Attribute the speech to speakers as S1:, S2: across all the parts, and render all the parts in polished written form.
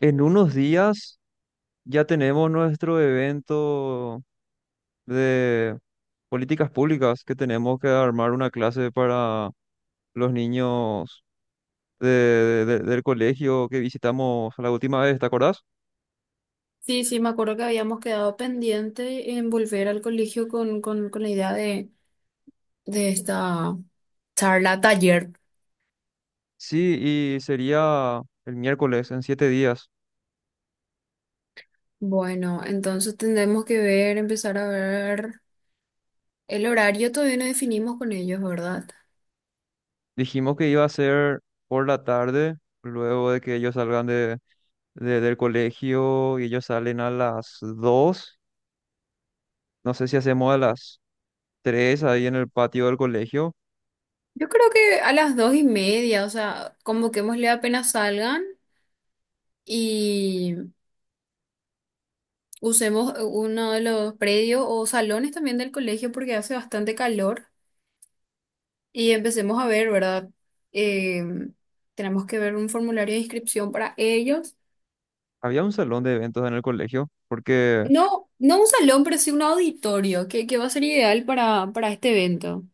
S1: En unos días ya tenemos nuestro evento de políticas públicas que tenemos que armar una clase para los niños del colegio que visitamos la última vez, ¿te acordás?
S2: Sí, sí, me acuerdo que habíamos quedado pendiente en volver al colegio con la idea de esta charla taller.
S1: Sí, y sería el miércoles en 7 días.
S2: Bueno, entonces tendremos que ver, empezar a ver el horario, todavía no definimos con ellos, ¿verdad?
S1: Dijimos que iba a ser por la tarde, luego de que ellos salgan del colegio y ellos salen a las 2. No sé si hacemos a las 3 ahí en el patio del colegio.
S2: Yo creo que a las 2:30, o sea, convoquémosle apenas salgan y usemos uno de los predios o salones también del colegio porque hace bastante calor. Y empecemos a ver, ¿verdad? Eh, Tenemos que ver un formulario de inscripción para ellos.
S1: Había un salón de eventos en el colegio, porque
S2: No, no un salón, pero sí un auditorio, que va a ser ideal para este evento.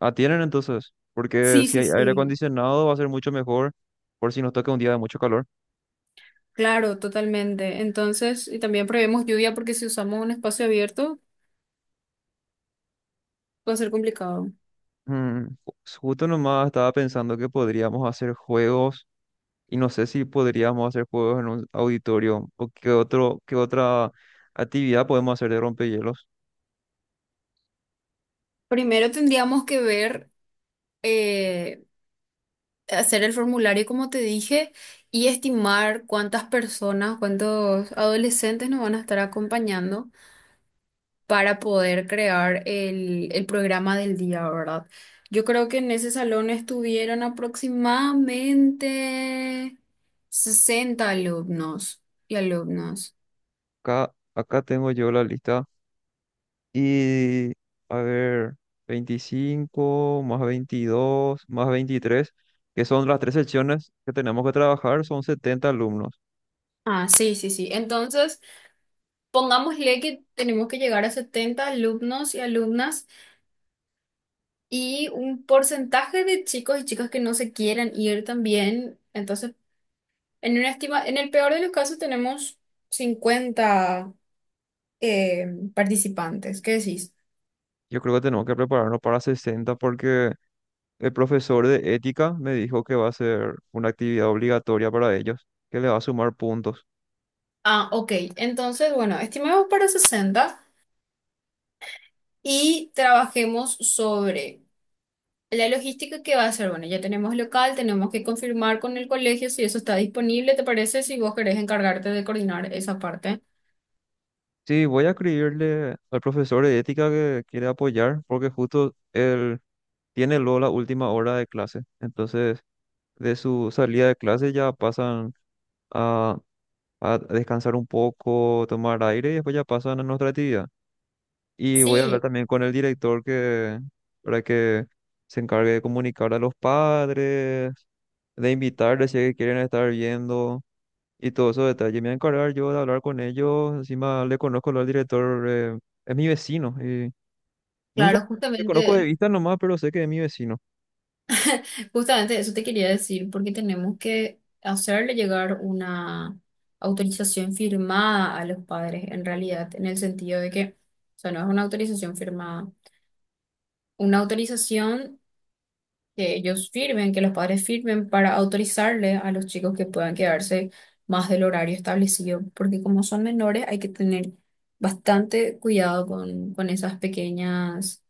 S1: atienden entonces, porque
S2: Sí,
S1: si
S2: sí,
S1: hay aire
S2: sí.
S1: acondicionado va a ser mucho mejor por si nos toca un día de mucho calor.
S2: Claro, totalmente. Entonces, y también prevemos lluvia porque si usamos un espacio abierto va a ser complicado.
S1: Mm, ju- Justo nomás estaba pensando que podríamos hacer juegos y no sé si podríamos hacer juegos en un auditorio o qué otro, qué otra actividad podemos hacer de rompehielos.
S2: Primero tendríamos que ver, eh, hacer el formulario, como te dije, y estimar cuántas personas, cuántos adolescentes nos van a estar acompañando, para poder crear el programa del día, ¿verdad? Yo creo que en ese salón estuvieron aproximadamente 60 alumnos y alumnas.
S1: Acá tengo yo la lista. Y, a ver, 25 más 22 más 23, que son las tres secciones que tenemos que trabajar, son 70 alumnos.
S2: Ah, sí, sí, sí. Entonces, pongámosle que tenemos que llegar a 70 alumnos y alumnas y un porcentaje de chicos y chicas que no se quieran ir también. Entonces, en una estima, en el peor de los casos tenemos 50 eh, participantes. ¿Qué decís?
S1: Yo creo que tenemos que prepararnos para 60 porque el profesor de ética me dijo que va a ser una actividad obligatoria para ellos, que le va a sumar puntos.
S2: Ah, ok. Entonces, bueno, estimemos para 60 y trabajemos sobre la logística que va a ser. Bueno, ya tenemos local, tenemos que confirmar con el colegio si eso está disponible, ¿te parece? Si vos querés encargarte de coordinar esa parte.
S1: Sí, voy a escribirle al profesor de ética que quiere apoyar porque justo él tiene luego la última hora de clase. Entonces, de su salida de clase ya pasan a a descansar un poco, tomar aire y después ya pasan a nuestra actividad. Y voy a hablar
S2: Sí,
S1: también con el director para que se encargue de comunicar a los padres, de invitarles si es que quieren estar viendo y todos esos detalles. Me voy a encargar yo de hablar con ellos. Encima le conozco al director, es mi vecino. Y nunca
S2: claro,
S1: le conozco de vista nomás, pero sé que es mi vecino.
S2: justamente eso te quería decir, porque tenemos que hacerle llegar una autorización firmada a los padres, en realidad, en el sentido de que, o sea, no es una autorización firmada, una autorización que ellos firmen, que los padres firmen para autorizarle a los chicos que puedan quedarse más del horario establecido, porque como son menores hay que tener bastante cuidado con esas pequeñas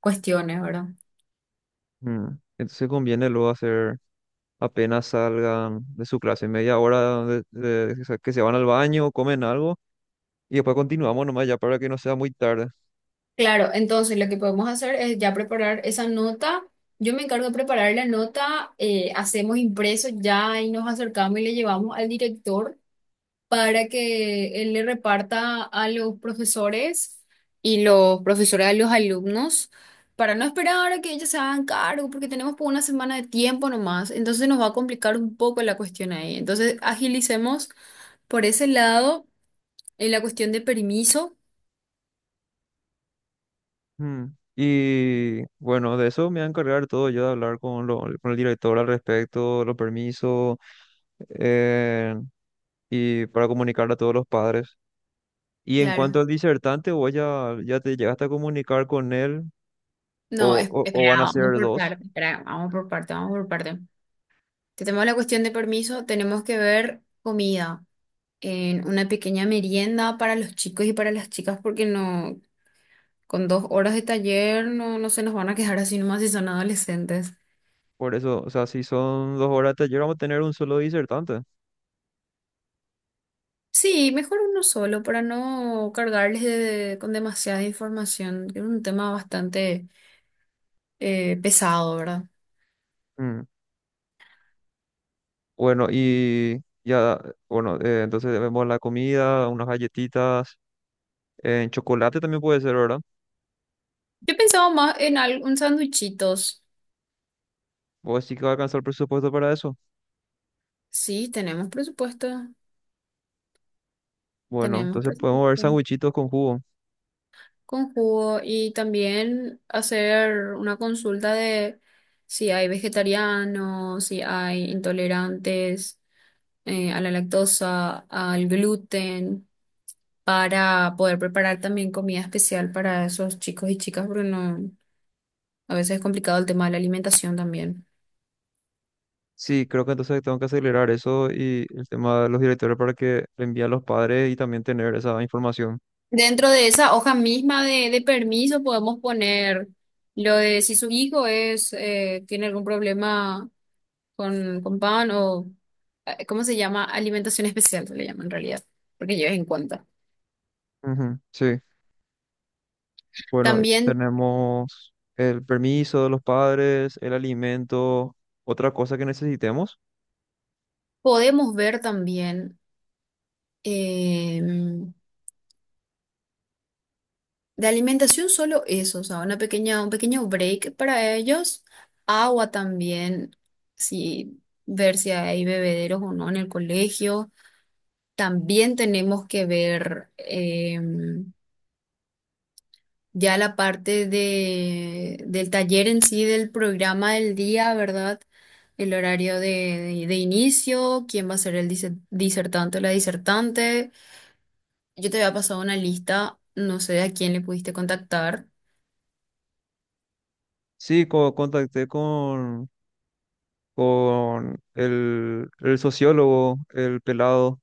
S2: cuestiones, ¿verdad?
S1: Mm. Entonces conviene luego hacer apenas salgan de su clase, media hora que se van al baño, comen algo. Y después continuamos nomás ya para que no sea muy tarde.
S2: Claro, entonces lo que podemos hacer es ya preparar esa nota. Yo me encargo de preparar la nota, hacemos impreso ya y nos acercamos y le llevamos al director, para que él le reparta a los profesores y los profesores a los alumnos, para no esperar a que ellos se hagan cargo, porque tenemos por una semana de tiempo nomás, entonces nos va a complicar un poco la cuestión ahí. Entonces, agilicemos por ese lado en la cuestión de permiso.
S1: Mm. Y bueno, de eso me voy a encargar todo yo de hablar con el director al respecto, los permisos, eh, y para comunicar a todos los padres. Y en cuanto
S2: Claro.
S1: al disertante, vos ya te llegaste a comunicar con él,
S2: No,
S1: o, o,
S2: espera,
S1: o van a
S2: vamos
S1: ser
S2: por
S1: dos.
S2: parte, espera, vamos por parte, vamos por parte. Si tenemos la cuestión de permiso, tenemos que ver comida en una pequeña merienda para los chicos y para las chicas, porque no. Con 2 horas de taller no, no se nos van a quejar así nomás si son adolescentes.
S1: Por eso, o sea, si son 2 horas de taller, vamos a tener un solo disertante.
S2: Sí, mejor uno solo para no cargarles con demasiada información, que es un tema bastante pesado, ¿verdad?
S1: Mm. Bueno, y ya, bueno, entonces vemos la comida, unas galletitas. En chocolate también puede ser, ¿verdad?
S2: Yo pensaba más en algún sándwichitos.
S1: O sí que va a alcanzar el presupuesto para eso.
S2: Sí, tenemos presupuesto.
S1: Bueno,
S2: Tenemos
S1: entonces podemos ver
S2: presupuesto,
S1: sandwichitos con jugo.
S2: con jugo y también hacer una consulta de si hay vegetarianos, si hay intolerantes, a la lactosa, al gluten, para poder preparar también comida especial para esos chicos y chicas, porque no, a veces es complicado el tema de la alimentación también.
S1: Sí, creo que entonces tengo que acelerar eso y el tema de los directores para que le envíen a los padres y también tener esa información.
S2: Dentro de esa hoja misma de permiso podemos poner lo de si su hijo es tiene algún problema con pan o ¿cómo se llama? Alimentación especial se le llama en realidad, porque lleves en cuenta.
S1: Ujú, sí, bueno,
S2: También
S1: tenemos el permiso de los padres, el alimento, otra cosa que necesitemos.
S2: podemos ver también de alimentación solo eso, o sea, una pequeña, un pequeño break para ellos, agua también, si ver si hay bebederos o no en el colegio. También tenemos que ver ya la parte del taller en sí, del programa del día, ¿verdad? El horario de inicio, quién va a ser el disertante o la disertante. Yo te había pasado una lista, no sé a quién le pudiste contactar.
S1: Sí, contacté con el sociólogo, el pelado.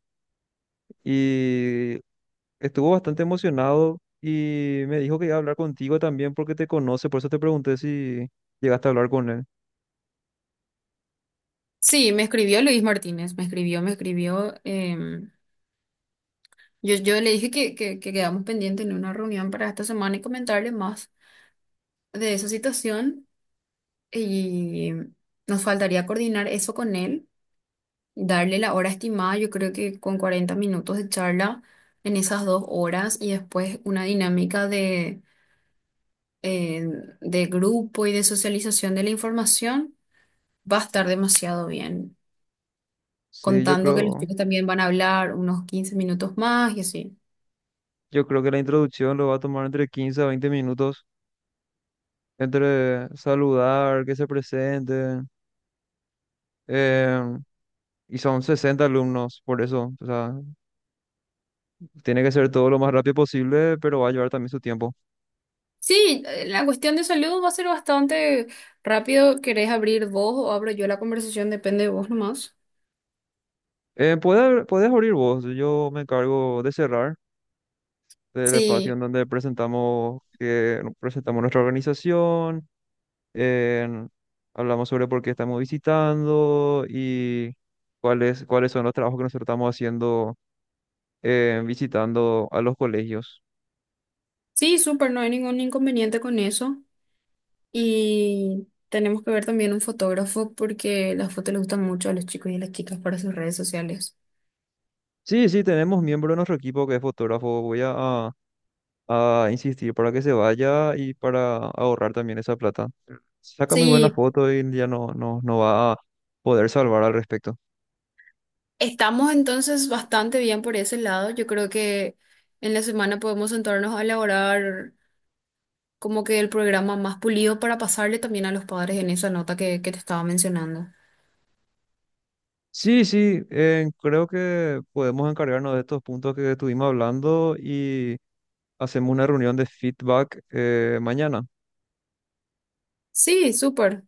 S1: Y estuvo bastante emocionado y me dijo que iba a hablar contigo también porque te conoce, por eso te pregunté si llegaste a hablar con él.
S2: Sí, me escribió Luis Martínez. Me escribió, me escribió. em, yo, yo le dije que quedamos pendientes en una reunión para esta semana y comentarle más de esa situación. Y nos faltaría coordinar eso con él, darle la hora estimada, yo creo que con 40 minutos de charla en esas 2 horas y después una dinámica eh, de grupo y de socialización de la información, va a estar demasiado bien.
S1: Sí, yo
S2: Contando que los
S1: creo,
S2: chicos también van a hablar unos 15 minutos más y así.
S1: yo creo que la introducción lo va a tomar entre 15 a 20 minutos, entre saludar, que se presente, eh, y son 60 alumnos, por eso, o sea, tiene que ser todo lo más rápido posible, pero va a llevar también su tiempo.
S2: Sí, la cuestión de salud va a ser bastante rápido. ¿Querés abrir vos o abro yo la conversación? Depende de vos nomás.
S1: Puedes abrir vos, yo me encargo de cerrar. Del espacio
S2: Sí,
S1: en donde presentamos, que, no, presentamos nuestra organización, en- hablamos sobre por qué estamos visitando y cuáles son los trabajos que nosotros estamos haciendo, visitando a los colegios.
S2: sí, súper, no hay ningún inconveniente con eso. Y tenemos que ver también un fotógrafo porque las fotos les gustan mucho a los chicos y a las chicas para sus redes sociales.
S1: Sí, sí, tenemos miembro de nuestro equipo que es fotógrafo. Voy a insistir para que se vaya y para ahorrar también esa plata. Saca muy buena
S2: Sí,
S1: foto y ya no, no, no va a poder salvar al respecto.
S2: estamos entonces bastante bien por ese lado. Yo creo que en la semana podemos sentarnos a elaborar como que el programa más pulido para pasarle también a los padres en esa nota que te estaba mencionando.
S1: Sí, sí, creo que podemos encargarnos de estos puntos que estuvimos hablando y hacemos una reunión de feedback mañana.
S2: Sí, súper.